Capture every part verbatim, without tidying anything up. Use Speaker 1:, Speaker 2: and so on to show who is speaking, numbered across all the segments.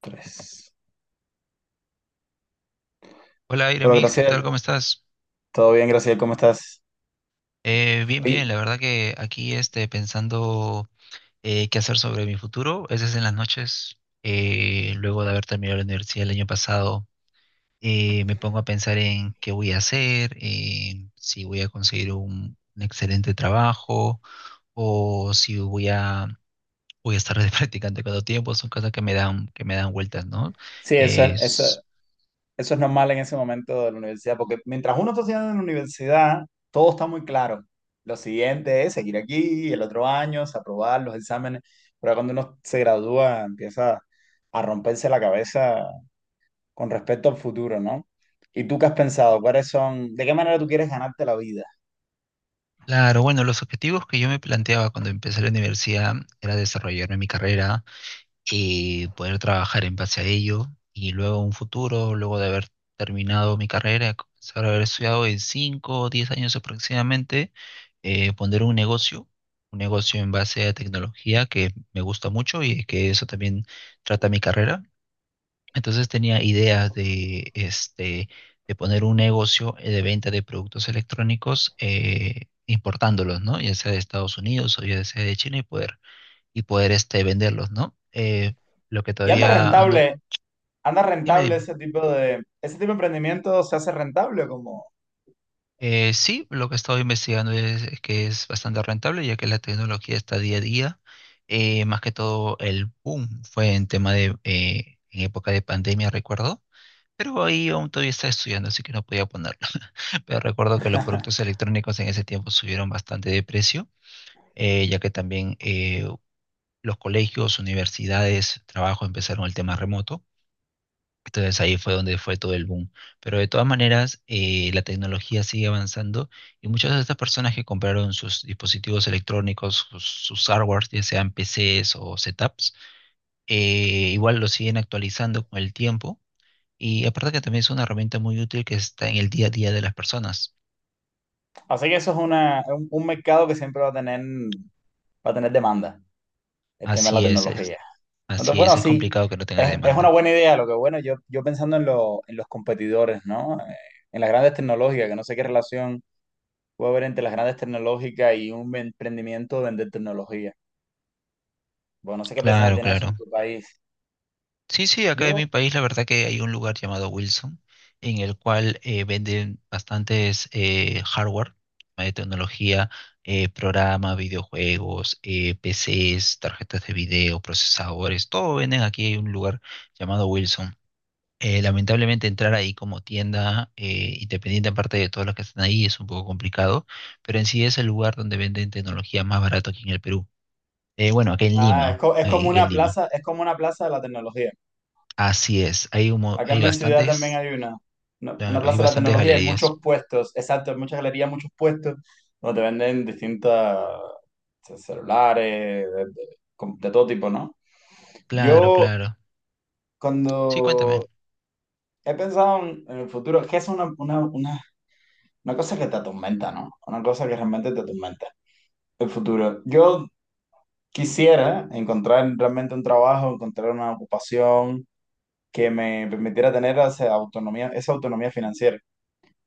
Speaker 1: Tres.
Speaker 2: Hola,
Speaker 1: Bueno,
Speaker 2: Iramis, ¿qué tal?
Speaker 1: Graciela,
Speaker 2: ¿Cómo estás?
Speaker 1: todo bien, Graciela, ¿cómo estás?
Speaker 2: Eh, bien, bien, la
Speaker 1: Oye,
Speaker 2: verdad que aquí este, pensando eh, qué hacer sobre mi futuro, a veces en las noches, eh, luego de haber terminado la universidad el año pasado, eh, me pongo a pensar en qué voy a hacer, en si voy a conseguir un, un excelente trabajo o si voy a, voy a estar de practicante cada tiempo, son cosas que me dan, que me dan vueltas, ¿no?
Speaker 1: sí, eso es, eso,
Speaker 2: Es,
Speaker 1: eso es normal en ese momento de la universidad, porque mientras uno está estudiando en la universidad, todo está muy claro. Lo siguiente es seguir aquí, el otro año, es aprobar los exámenes, pero cuando uno se gradúa empieza a romperse la cabeza con respecto al futuro, ¿no? ¿Y tú qué has pensado? ¿Cuáles son, de qué manera tú quieres ganarte la vida?
Speaker 2: claro, bueno, los objetivos que yo me planteaba cuando empecé la universidad era desarrollarme en mi carrera, y poder trabajar en base a ello y luego un futuro, luego de haber terminado mi carrera, comenzar a haber estudiado en cinco o diez años aproximadamente, eh, poner un negocio, un negocio en base a tecnología que me gusta mucho y que eso también trata mi carrera. Entonces tenía ideas de, este, de poner un negocio eh, de venta de productos electrónicos. Eh, importándolos, ¿no? Ya sea de Estados Unidos o ya sea de China y poder y poder este, venderlos, ¿no? Eh, lo que
Speaker 1: ¿Y anda
Speaker 2: todavía ando...
Speaker 1: rentable, anda
Speaker 2: Dime,
Speaker 1: rentable
Speaker 2: dime.
Speaker 1: ese tipo de, ese tipo de emprendimiento se hace rentable como...
Speaker 2: Eh, sí, lo que he estado investigando es, es que es bastante rentable, ya que la tecnología está día a día. Eh, más que todo el boom fue en tema de, eh, en época de pandemia, recuerdo. Pero ahí aún todavía estaba estudiando, así que no podía ponerlo. Pero recuerdo que los productos electrónicos en ese tiempo subieron bastante de precio, eh, ya que también eh, los colegios, universidades, trabajo empezaron el tema remoto. Entonces ahí fue donde fue todo el boom. Pero de todas maneras, eh, la tecnología sigue avanzando y muchas de estas personas que compraron sus dispositivos electrónicos, sus, sus hardwares, ya sean P Cs o setups, eh, igual lo siguen actualizando con el tiempo. Y aparte que también es una herramienta muy útil que está en el día a día de las personas.
Speaker 1: Así que eso es una, un, un mercado que siempre va a tener, va a tener demanda, el tema de la
Speaker 2: Así es, es-
Speaker 1: tecnología. Entonces,
Speaker 2: así es,
Speaker 1: bueno,
Speaker 2: es
Speaker 1: sí,
Speaker 2: complicado que no tenga
Speaker 1: es, es una
Speaker 2: demanda.
Speaker 1: buena idea. Lo que bueno, yo, yo pensando en, lo- en los competidores, ¿no? Eh, en las grandes tecnológicas, que no sé qué relación puede haber entre las grandes tecnológicas y un emprendimiento de vender tecnología. Bueno, no sé qué presencia
Speaker 2: Claro,
Speaker 1: tiene eso en
Speaker 2: claro.
Speaker 1: tu país.
Speaker 2: Sí, sí, acá en
Speaker 1: Yo,
Speaker 2: mi país la verdad que hay un lugar llamado Wilson en el cual eh, venden bastantes eh, hardware eh, tecnología, eh, programa, videojuegos, eh, P Cs, tarjetas de video, procesadores, todo venden aquí en un lugar llamado Wilson. Eh, lamentablemente entrar ahí como tienda eh, independiente aparte de todos los que están ahí es un poco complicado, pero en sí es el lugar donde venden tecnología más barato aquí en el Perú. Eh, bueno, aquí en
Speaker 1: ah, es,
Speaker 2: Lima,
Speaker 1: co- es
Speaker 2: eh,
Speaker 1: como
Speaker 2: aquí en
Speaker 1: una
Speaker 2: Lima.
Speaker 1: plaza, es como una plaza de la tecnología.
Speaker 2: Así es, hay un mo-
Speaker 1: Acá en
Speaker 2: hay
Speaker 1: mi ciudad también
Speaker 2: bastantes,
Speaker 1: hay una, una, una
Speaker 2: claro, hay
Speaker 1: plaza de la
Speaker 2: bastantes
Speaker 1: tecnología, hay muchos
Speaker 2: galerías.
Speaker 1: puestos, exacto, muchas galerías, muchos puestos, donde te venden distintas ce- celulares, de, de- com- de todo tipo, ¿no?
Speaker 2: Claro,
Speaker 1: Yo
Speaker 2: claro. Sí, cuéntame.
Speaker 1: cuando he pensado en, en el futuro, que es una, una, una, una cosa que te atormenta, ¿no? Una cosa que realmente te atormenta, el futuro. Yo quisiera encontrar realmente un trabajo, encontrar una ocupación que me permitiera tener esa autonomía, esa autonomía financiera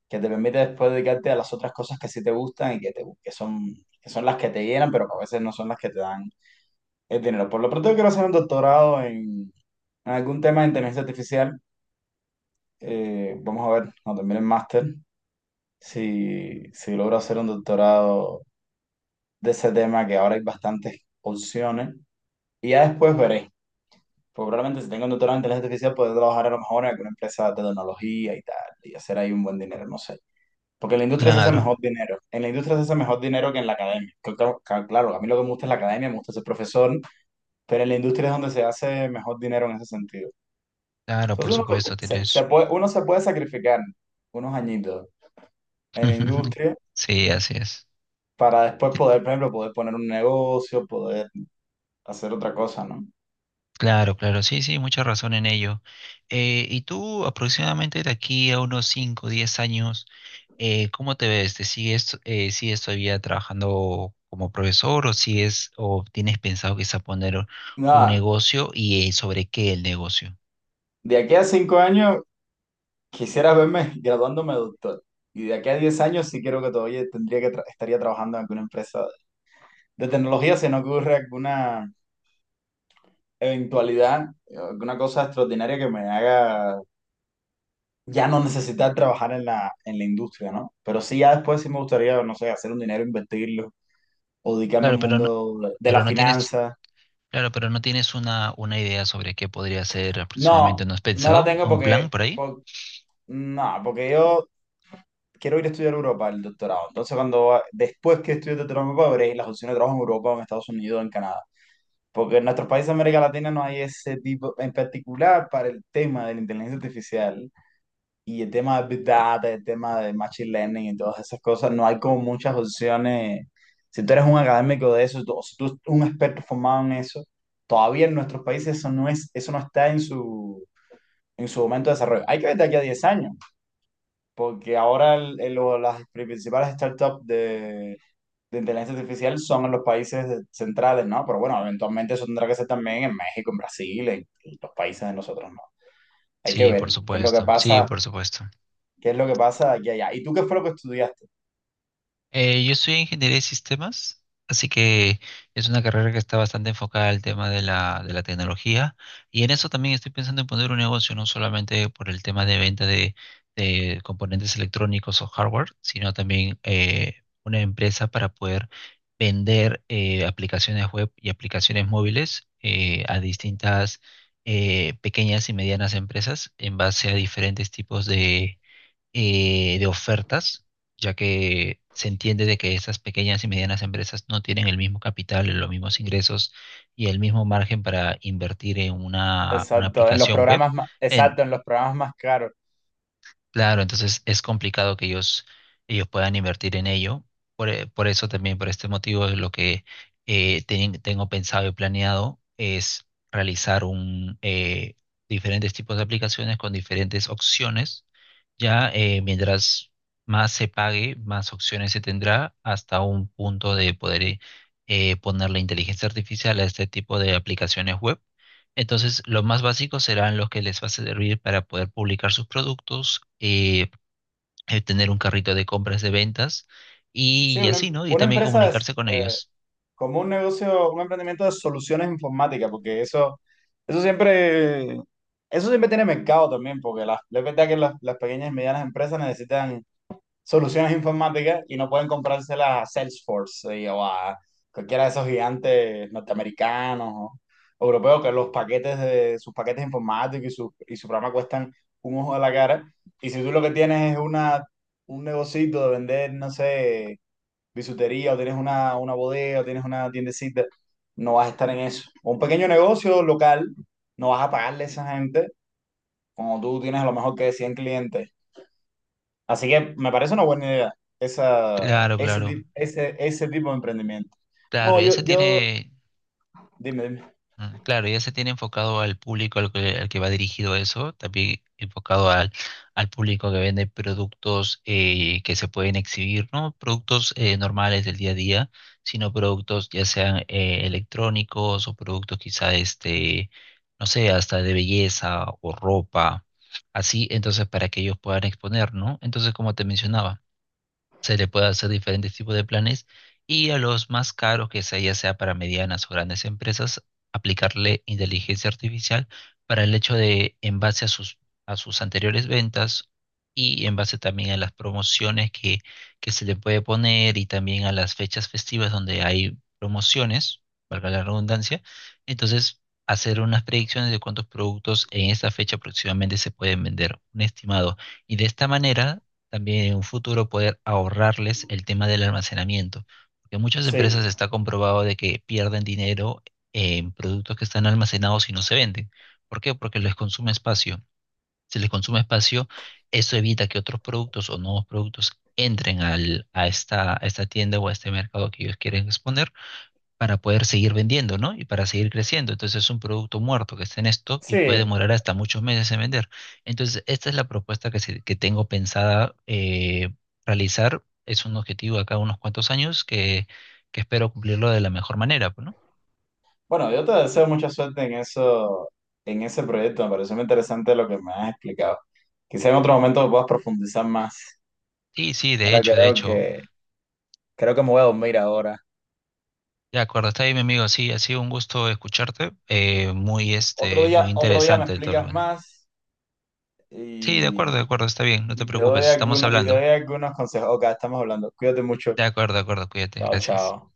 Speaker 1: que te permite después dedicarte a las otras cosas que sí te gustan y que, te, que, son, que son las que te llenan, pero que a veces no son las que te dan el dinero. Por lo pronto, yo quiero hacer un doctorado en, en algún tema de inteligencia artificial. Eh, vamos a ver cuando termine el máster si, si logro hacer un doctorado de ese tema, que ahora hay bastantes opciones. Y ya después veré. Pues probablemente si tengo un doctorado en inteligencia artificial, podré trabajar a lo mejor en alguna empresa de tecnología y tal, y hacer ahí un buen dinero, no sé. Porque en la industria se hace
Speaker 2: Claro,
Speaker 1: mejor dinero. En la industria se hace mejor dinero que en la academia. Que ca- ca- Claro, a mí lo que me gusta es la academia, me gusta ser profesor, pero en la industria es donde se hace mejor dinero en ese sentido.
Speaker 2: claro,
Speaker 1: Entonces
Speaker 2: por
Speaker 1: uno
Speaker 2: supuesto,
Speaker 1: se, se- se
Speaker 2: tienes.
Speaker 1: puede, uno se puede sacrificar unos añitos en la industria
Speaker 2: Sí, así es.
Speaker 1: para después poder, por ejemplo, poder poner un negocio, poder hacer otra cosa, ¿no?
Speaker 2: Claro, claro, sí, sí, mucha razón en ello. Eh, y tú, aproximadamente de aquí a unos cinco, diez años, eh, ¿cómo te ves? ¿Te sigues, eh, sigues todavía trabajando como profesor o sigues, o tienes pensado quizá poner un
Speaker 1: Nada,
Speaker 2: negocio y eh, sobre qué el negocio?
Speaker 1: de aquí a cinco años quisiera verme graduándome de doctor. Y de aquí a diez años sí creo que todavía tendría que tra- estaría trabajando en alguna empresa de tecnología, se nos ocurre alguna eventualidad, una cosa extraordinaria que me haga ya no necesitar trabajar en la, en la industria, ¿no? Pero sí, ya después sí me gustaría, no sé, hacer un dinero, invertirlo, o dedicarme al
Speaker 2: Claro, pero no,
Speaker 1: mundo de, de
Speaker 2: pero
Speaker 1: las
Speaker 2: no tienes
Speaker 1: finanzas.
Speaker 2: claro, pero ¿no tienes una, una idea sobre qué podría ser aproximadamente?
Speaker 1: No,
Speaker 2: ¿No has
Speaker 1: no la
Speaker 2: pensado
Speaker 1: tengo
Speaker 2: un
Speaker 1: porque,
Speaker 2: plan por ahí?
Speaker 1: por- no, porque yo quiero ir a estudiar a Europa el doctorado. Entonces, cuando va- después que estudie el doctorado me Europa, veré las opciones de trabajo en Europa, o en Estados Unidos, o en Canadá. Porque en nuestros países de América Latina no hay ese tipo, en particular para el tema de la inteligencia artificial y el tema de Big Data, el tema de Machine Learning y todas esas cosas, no hay como muchas opciones. Si tú eres un académico de eso, tú- o si tú eres un experto formado en eso, todavía en nuestros países eso no es, eso no está en su, en su momento de desarrollo. Hay que ver de aquí a diez años, porque ahora el- el- lo- las principales startups de, de inteligencia artificial son en los países de- centrales, ¿no? Pero bueno, eventualmente eso tendrá que ser también en México, en Brasil, en, en los países de nosotros, ¿no? Hay que
Speaker 2: Sí, por
Speaker 1: ver qué es lo que
Speaker 2: supuesto. Sí,
Speaker 1: pasa.
Speaker 2: por supuesto.
Speaker 1: ¿Qué es lo que pasa de aquí a allá? ¿Y tú qué fue lo que estudiaste?
Speaker 2: Eh, yo soy ingeniería de sistemas, así que es una carrera que está bastante enfocada al tema de la, de la tecnología y en eso también estoy pensando en poner un negocio, no solamente por el tema de venta de, de componentes electrónicos o hardware, sino también eh, una empresa para poder vender eh, aplicaciones web y aplicaciones móviles eh, a distintas eh, pequeñas y medianas empresas en base a diferentes tipos de eh, de ofertas, ya que se entiende de que esas pequeñas y medianas empresas no tienen el mismo capital, los mismos ingresos y el mismo margen para invertir en una, una
Speaker 1: Exacto, en los
Speaker 2: aplicación web.
Speaker 1: programas más,
Speaker 2: En,
Speaker 1: exacto, en los programas más caros.
Speaker 2: claro, entonces es complicado que ellos, ellos puedan invertir en ello. Por, e- por eso también, por este motivo, es lo que eh, ten- tengo pensado y planeado es realizar un, eh, diferentes tipos de aplicaciones con diferentes opciones ya, eh, mientras más se pague, más opciones se tendrá hasta un punto de poder eh, eh, poner la inteligencia artificial a este tipo de aplicaciones web. Entonces, los más básicos serán los que les va a servir para poder publicar sus productos, eh, eh, tener un carrito de compras de ventas
Speaker 1: Sí,
Speaker 2: y, y
Speaker 1: una,
Speaker 2: así,
Speaker 1: em-
Speaker 2: ¿no? Y
Speaker 1: una
Speaker 2: también
Speaker 1: empresa es
Speaker 2: comunicarse con
Speaker 1: eh,
Speaker 2: ellos.
Speaker 1: como un negocio, un emprendimiento de soluciones informáticas, porque eso, eso siempre, eso siempre tiene mercado también, porque las, es verdad que las, las pequeñas y medianas empresas necesitan soluciones informáticas y no pueden comprárselas a Salesforce y- o a cualquiera de esos gigantes norteamericanos o europeos que los paquetes de sus paquetes informáticos y su, y su programa cuestan un ojo de la cara. Y si tú lo que tienes es una, un negocito de vender, no sé, bisutería o tienes una, una bodega o tienes una tiendecita, no vas a estar en eso. O un pequeño negocio local, no vas a pagarle a esa gente. Como tú tienes a lo mejor que cien clientes. Así que me parece una buena idea esa,
Speaker 2: Claro,
Speaker 1: ese,
Speaker 2: claro,
Speaker 1: ti- ese, ese tipo de emprendimiento.
Speaker 2: claro.
Speaker 1: No,
Speaker 2: Ya
Speaker 1: yo,
Speaker 2: se
Speaker 1: yo,
Speaker 2: tiene,
Speaker 1: dime, dime.
Speaker 2: mm, claro, ya se tiene enfocado al público al que, al que va dirigido eso, también enfocado al, al público que vende productos eh, que se pueden exhibir, no productos eh, normales del día a día, sino productos ya sean eh, electrónicos o productos quizá, este, no sé, hasta de belleza o ropa, así, entonces para que ellos puedan exponer, ¿no? Entonces, como te mencionaba se le puede hacer diferentes tipos de planes y a los más caros, que sea ya sea para medianas o grandes empresas, aplicarle inteligencia artificial para el hecho de, en base a sus, a sus anteriores ventas y en base también a las promociones que, que se le puede poner y también a las fechas festivas donde hay promociones, valga la redundancia, entonces hacer unas predicciones de cuántos productos en esta fecha aproximadamente se pueden vender, un estimado. Y de esta manera también en un futuro poder ahorrarles el tema del almacenamiento, porque muchas
Speaker 1: Sí,
Speaker 2: empresas está comprobado de que pierden dinero en productos que están almacenados y no se venden. ¿Por qué? Porque les consume espacio. Si les consume espacio, eso evita que otros productos o nuevos productos entren al- a esta, a esta tienda o a este mercado que ellos quieren exponer para poder seguir vendiendo, ¿no? Y para seguir creciendo. Entonces es un producto muerto que está en stock y puede
Speaker 1: sí.
Speaker 2: demorar hasta muchos meses en vender. Entonces, esta es la propuesta que, se- que tengo pensada eh, realizar. Es un objetivo de acá a unos cuantos años que, que espero cumplirlo de la mejor manera, pues, ¿no?
Speaker 1: Bueno, yo te deseo mucha suerte en eso, en ese proyecto. Me pareció muy interesante lo que me has explicado. Quizá en otro momento puedas profundizar más.
Speaker 2: Sí, sí, de
Speaker 1: Ahora
Speaker 2: hecho, de
Speaker 1: creo
Speaker 2: hecho.
Speaker 1: que, creo que me voy a dormir ahora.
Speaker 2: De acuerdo, está bien, mi amigo, sí, ha sido un gusto escucharte, eh, muy,
Speaker 1: Otro
Speaker 2: este, muy
Speaker 1: día, otro día me
Speaker 2: interesante todo lo
Speaker 1: explicas
Speaker 2: bueno.
Speaker 1: más
Speaker 2: Sí, de acuerdo, de
Speaker 1: y,
Speaker 2: acuerdo, está bien, no te
Speaker 1: y te doy
Speaker 2: preocupes, estamos
Speaker 1: algunos, y te doy
Speaker 2: hablando.
Speaker 1: algunos consejos. Ok, estamos hablando. Cuídate mucho.
Speaker 2: De acuerdo, de acuerdo, cuídate,
Speaker 1: Chao,
Speaker 2: gracias.
Speaker 1: chao.